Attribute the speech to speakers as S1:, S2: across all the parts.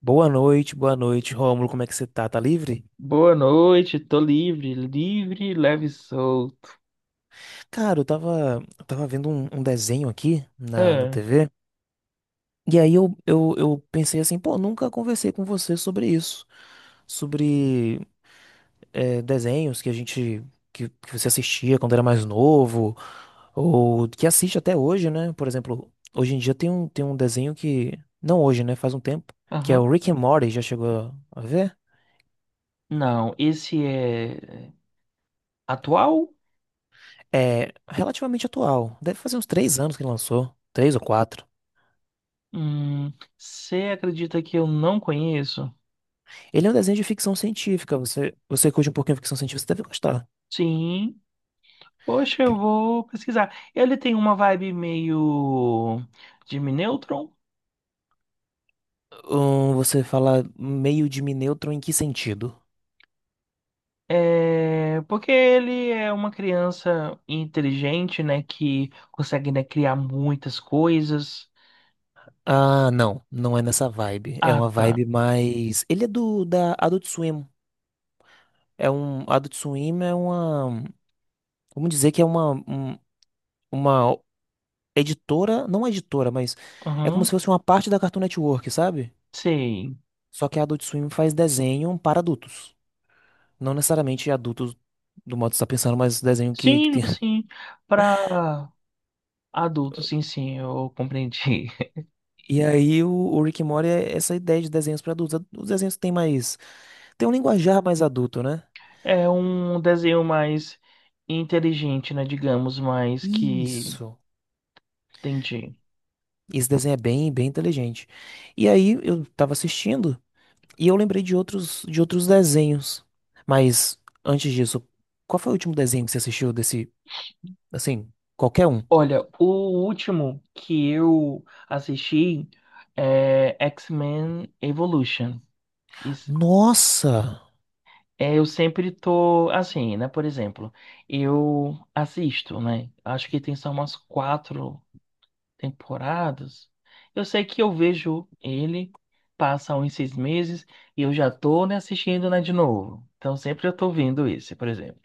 S1: Boa noite, Rômulo. Como é que você tá? Tá livre?
S2: Boa noite, tô livre, livre, leve e solto.
S1: Cara, eu tava vendo um desenho aqui na
S2: Ah,
S1: TV. E aí eu pensei assim, pô, nunca conversei com você sobre isso. Sobre desenhos que a gente, que você assistia quando era mais novo, ou que assiste até hoje, né? Por exemplo, hoje em dia tem um desenho que, não hoje, né? Faz um tempo, que é o
S2: aham.
S1: Rick and Morty, já chegou a ver?
S2: Não, esse é atual?
S1: É relativamente atual. Deve fazer uns três anos que lançou. Três ou quatro.
S2: Hum, você acredita que eu não conheço?
S1: Ele é um desenho de ficção científica. Você curte um pouquinho de ficção científica, você deve gostar.
S2: Sim, poxa, eu vou pesquisar. Ele tem uma vibe meio Jimmy Neutron.
S1: Você fala meio de Minetron em que sentido?
S2: É, porque ele é uma criança inteligente, né, que consegue, né, criar muitas coisas.
S1: Ah, não é nessa vibe. É
S2: Ah,
S1: uma
S2: tá.
S1: vibe mais. Ele é do da Adult Swim. É um Adult Swim é uma, vamos dizer que é uma editora, não editora, mas é como se
S2: Aham,
S1: fosse uma parte da Cartoon Network, sabe?
S2: sei.
S1: Só que a Adult Swim faz desenho para adultos, não necessariamente adultos do modo que você está pensando, mas desenho que
S2: Sim,
S1: tem.
S2: sim. Para adultos, sim, sim, eu compreendi.
S1: E aí o Rick and Morty é essa ideia de desenhos para adultos. Os desenhos têm mais, tem um linguajar mais adulto, né?
S2: É um desenho mais inteligente, né? Digamos, mais que.
S1: Isso.
S2: Entendi.
S1: Esse desenho é bem inteligente. E aí eu tava assistindo e eu lembrei de outros desenhos. Mas antes disso, qual foi o último desenho que você assistiu desse, assim, qualquer um?
S2: Olha, o último que eu assisti é X-Men Evolution. Isso,
S1: Nossa!
S2: é, eu sempre tô assim, né? Por exemplo, eu assisto, né? Acho que tem só umas quatro temporadas. Eu sei que eu vejo ele, passa uns seis meses e eu já tô, né, assistindo, né, de novo. Então sempre eu tô vendo esse, por exemplo.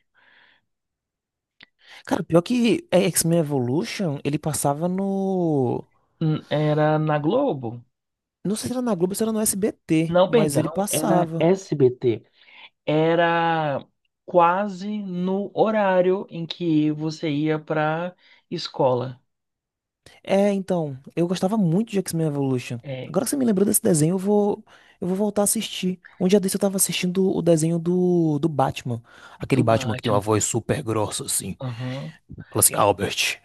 S1: Cara, pior que é, X-Men Evolution, ele passava no,
S2: Era na Globo?
S1: não sei se era na Globo, se era no SBT,
S2: Não,
S1: mas ele
S2: perdão, era
S1: passava.
S2: SBT. Era quase no horário em que você ia pra escola.
S1: É, então, eu gostava muito de X-Men Evolution.
S2: É,
S1: Agora que você me lembrou desse desenho, eu vou voltar a assistir. Um dia desse eu tava assistindo o desenho do Batman.
S2: do
S1: Aquele Batman que tem uma
S2: Batman.
S1: voz super grossa, assim. Fala assim, Albert.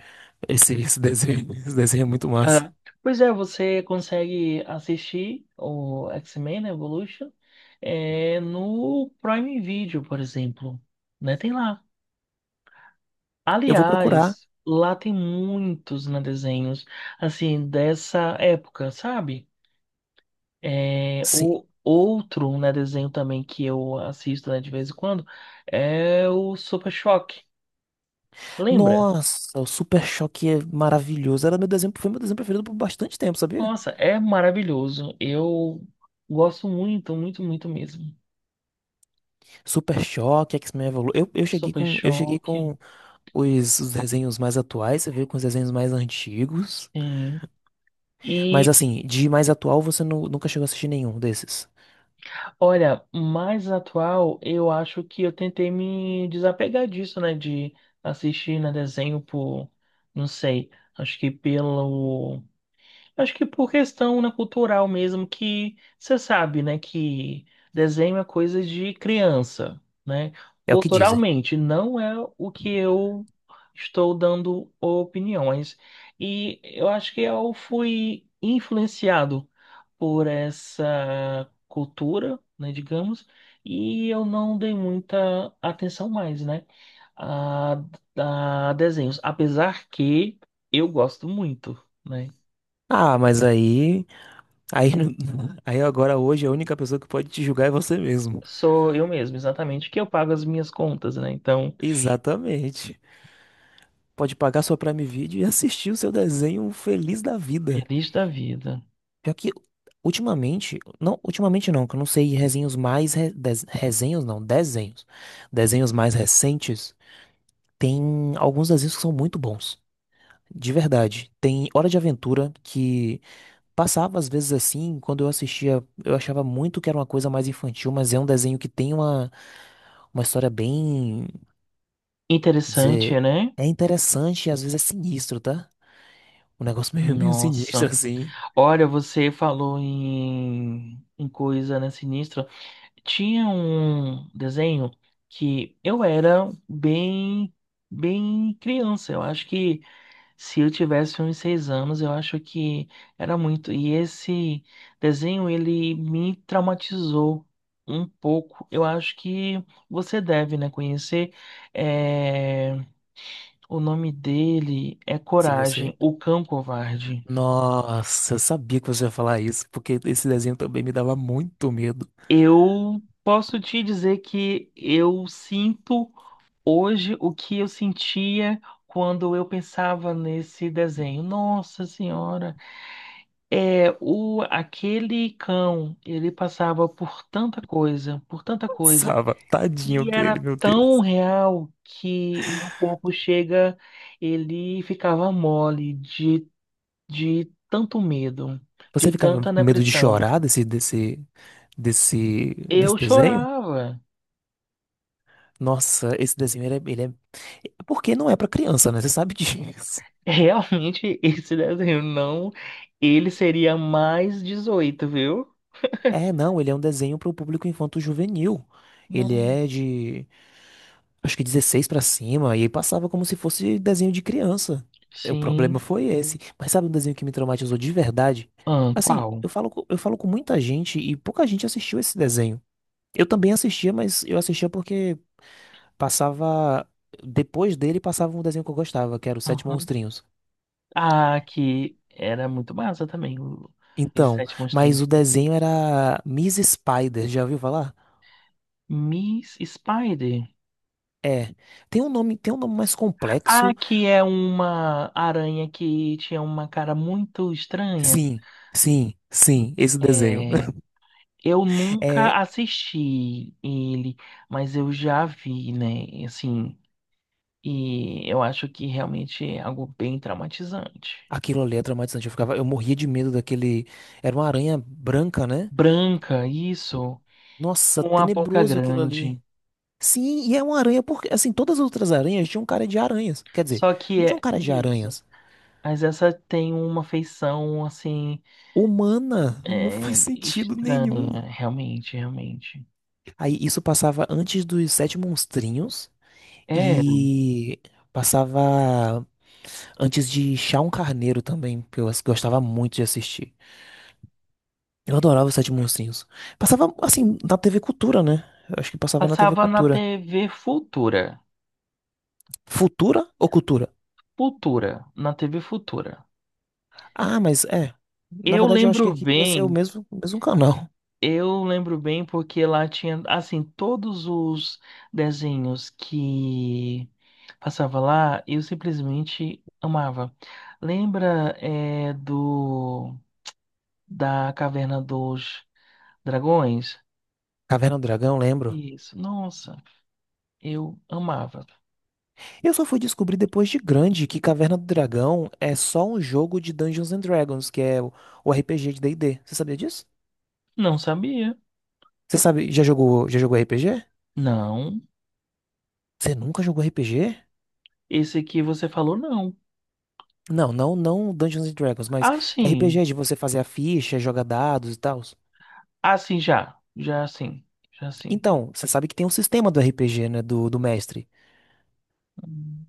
S1: Esse desenho, esse desenho é muito massa.
S2: Ah, pois é, você consegue assistir o X-Men, né, Evolution, é, no Prime Video, por exemplo, né? Tem lá.
S1: Eu vou procurar.
S2: Aliás, lá tem muitos, né, desenhos, assim, dessa época, sabe? É,
S1: Sim.
S2: o outro, né, desenho também que eu assisto, né, de vez em quando é o Super Choque. Lembra?
S1: Nossa, o Super Choque é maravilhoso. Era meu desenho, foi meu desenho preferido por bastante tempo, sabia?
S2: Nossa, é maravilhoso. Eu gosto muito, muito, muito mesmo.
S1: Super Choque, X-Men Evolution.
S2: Super
S1: Eu cheguei
S2: Choque.
S1: com os desenhos mais atuais, você veio com os desenhos mais antigos.
S2: Sim.
S1: Mas
S2: E
S1: assim, de mais atual você nunca chegou a assistir nenhum desses.
S2: olha, mais atual, eu acho que eu tentei me desapegar disso, né? De assistir na desenho por, não sei, acho que pelo. Acho que por questão, né, cultural mesmo, que você sabe, né, que desenho é coisa de criança, né?
S1: É o que dizem.
S2: Culturalmente, não é o que eu estou dando opiniões. E eu acho que eu fui influenciado por essa cultura, né, digamos, e eu não dei muita atenção mais, né, a, a desenhos, apesar que eu gosto muito, né?
S1: Ah, mas aí, aí, não- aí agora hoje a única pessoa que pode te julgar é você mesmo.
S2: Sou eu mesmo, exatamente, que eu pago as minhas contas, né? Então,
S1: Exatamente. Pode pagar sua Prime Video e assistir o seu desenho feliz da vida.
S2: feliz da vida.
S1: Pior que ultimamente não, que eu não sei resenhos mais re- des- resenhos não, desenhos. Desenhos mais recentes, tem alguns desenhos que são muito bons. De verdade. Tem Hora de Aventura que passava às vezes assim, quando eu assistia, eu achava muito que era uma coisa mais infantil, mas é um desenho que tem uma história bem, vou dizer,
S2: Interessante, né?
S1: é interessante e às vezes é sinistro, tá? Um negócio meio sinistro
S2: Nossa.
S1: assim.
S2: Olha, você falou em coisa, né, sinistra. Tinha um desenho que eu era bem, bem criança. Eu acho que se eu tivesse uns seis anos, eu acho que era muito. E esse desenho, ele me traumatizou um pouco. Eu acho que você deve, né, conhecer. É, o nome dele é
S1: Se
S2: Coragem,
S1: você.
S2: o Cão Covarde.
S1: Nossa, eu sabia que você ia falar isso, porque esse desenho também me dava muito medo.
S2: Eu posso te dizer que eu sinto hoje o que eu sentia quando eu pensava nesse desenho. Nossa Senhora, é o aquele cão, ele passava por tanta coisa,
S1: Passava, tadinho
S2: e
S1: dele,
S2: era
S1: meu
S2: tão
S1: Deus.
S2: real que meu corpo chega, ele ficava mole de tanto medo, de
S1: Você ficava
S2: tanta
S1: com medo de
S2: depressão.
S1: chorar desse
S2: Eu
S1: desenho?
S2: chorava.
S1: Nossa, esse desenho ele é- porque não é pra criança, né? Você sabe disso.
S2: Realmente, esse desenho não, ele seria mais 18, viu?
S1: É, não, ele é um desenho para o público infanto-juvenil. Ele
S2: Não.
S1: é de, acho que 16 para cima, e aí passava como se fosse desenho de criança. O problema
S2: Sim.
S1: foi esse. Hum. Mas sabe um desenho que me traumatizou de verdade?
S2: Ah,
S1: Assim,
S2: qual?
S1: eu falo com muita gente e pouca gente assistiu esse desenho. Eu também assistia, mas eu assistia porque passava, depois dele passava um desenho que eu gostava, que era o Sete
S2: Aham.
S1: Monstrinhos.
S2: Ah, que era muito massa também, o- os
S1: Então,
S2: sete monstrinhos.
S1: mas o desenho era Miss Spider, já ouviu falar?
S2: Miss Spider.
S1: É. Tem um nome mais
S2: Ah,
S1: complexo.
S2: que é uma aranha que tinha uma cara muito estranha.
S1: Sim, sim, sim, esse desenho.
S2: É, eu nunca
S1: É,
S2: assisti ele, mas eu já vi, né? Assim, e eu acho que realmente é algo bem traumatizante.
S1: aquilo ali é traumatizante. Eu ficava, eu morria de medo daquele. Era uma aranha branca, né?
S2: Branca, isso,
S1: Nossa,
S2: com a boca
S1: tenebroso aquilo
S2: grande.
S1: ali. Sim, e é uma aranha porque, assim, todas as outras aranhas tinham cara de aranhas. Quer dizer,
S2: Só
S1: não
S2: que
S1: tinham
S2: é
S1: cara de
S2: isso.
S1: aranhas.
S2: Mas essa tem uma feição, assim,
S1: Humana, não
S2: é,
S1: faz sentido
S2: estranha,
S1: nenhum.
S2: realmente, realmente.
S1: Aí isso passava antes dos Sete Monstrinhos
S2: É,
S1: e passava antes de Chá um Carneiro também, que eu gostava muito de assistir. Eu adorava os Sete Monstrinhos. Passava, assim, na TV Cultura, né? Eu acho que passava na TV
S2: passava na
S1: Cultura.
S2: TV Futura.
S1: Futura ou Cultura?
S2: Futura, na TV Futura.
S1: Ah, mas é. Na
S2: Eu
S1: verdade, eu acho que
S2: lembro
S1: aqui ia ser
S2: bem,
S1: o mesmo canal.
S2: eu lembro bem porque lá tinha, assim, todos os desenhos que passava lá, eu simplesmente amava. Lembra, é, do, da Caverna dos Dragões?
S1: Caverna do Dragão, lembro.
S2: Isso, nossa. Eu amava.
S1: Eu só fui descobrir depois de grande que Caverna do Dragão é só um jogo de Dungeons and Dragons, que é o RPG de D&D. Você sabia disso?
S2: Não sabia.
S1: Você sabe, já jogou RPG?
S2: Não.
S1: Você nunca jogou RPG?
S2: Esse aqui você falou não.
S1: Não, não, não Dungeons and Dragons, mas
S2: Ah,
S1: RPG
S2: sim.
S1: de você fazer a ficha, jogar dados e tal.
S2: Ah, sim, já. Já sim. Já sim.
S1: Então, você sabe que tem um sistema do RPG, né? Do mestre.
S2: Hum.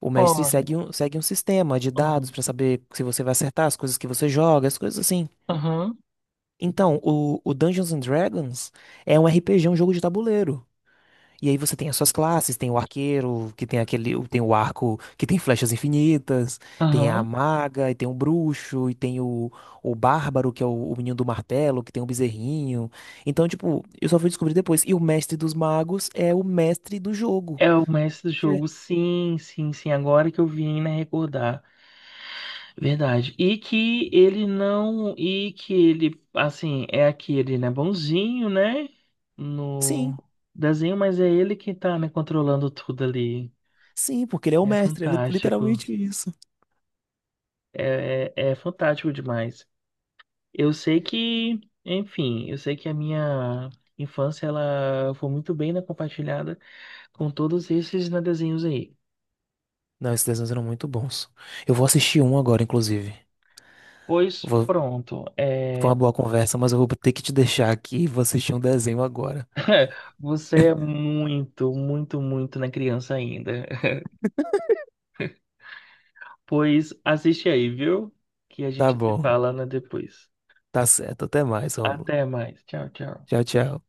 S1: O mestre
S2: Olha,
S1: segue segue um sistema de
S2: ó.
S1: dados pra saber se você vai acertar as coisas que você joga, as coisas assim.
S2: Aham.
S1: Então, o Dungeons and Dragons é um RPG, um jogo de tabuleiro. E aí você tem as suas classes, tem o arqueiro, que tem aquele, tem o arco que tem flechas infinitas, tem a
S2: Aham.
S1: maga, e tem o bruxo, e tem o bárbaro, que é o menino do martelo, que tem o bezerrinho. Então, tipo, eu só fui descobrir depois. E o mestre dos magos é o mestre do jogo.
S2: É o mestre do jogo. Sim, sim, sim. Agora que eu vim, né, recordar. Verdade. E que ele não. E que ele, assim, é aquele, né, bonzinho, né? No
S1: Sim,
S2: desenho, mas é ele que tá, né, controlando tudo ali.
S1: sim, porque ele é o
S2: É
S1: mestre, é
S2: fantástico.
S1: literalmente isso.
S2: É, fantástico demais. Eu sei que, enfim, eu sei que a minha infância ela foi muito bem, né, compartilhada com todos esses, né, desenhos aí.
S1: Não, esses desenhos eram muito bons. Eu vou assistir um agora, inclusive.
S2: Pois
S1: Vou-
S2: pronto,
S1: foi
S2: é,
S1: uma boa conversa, mas eu vou ter que te deixar aqui e vou assistir um desenho agora.
S2: você é muito, muito, muito na criança ainda. Pois assiste aí, viu? Que a
S1: Tá
S2: gente se
S1: bom,
S2: fala, né, depois.
S1: tá certo. Até mais, Rômulo.
S2: Até mais. Tchau, tchau.
S1: Tchau, tchau.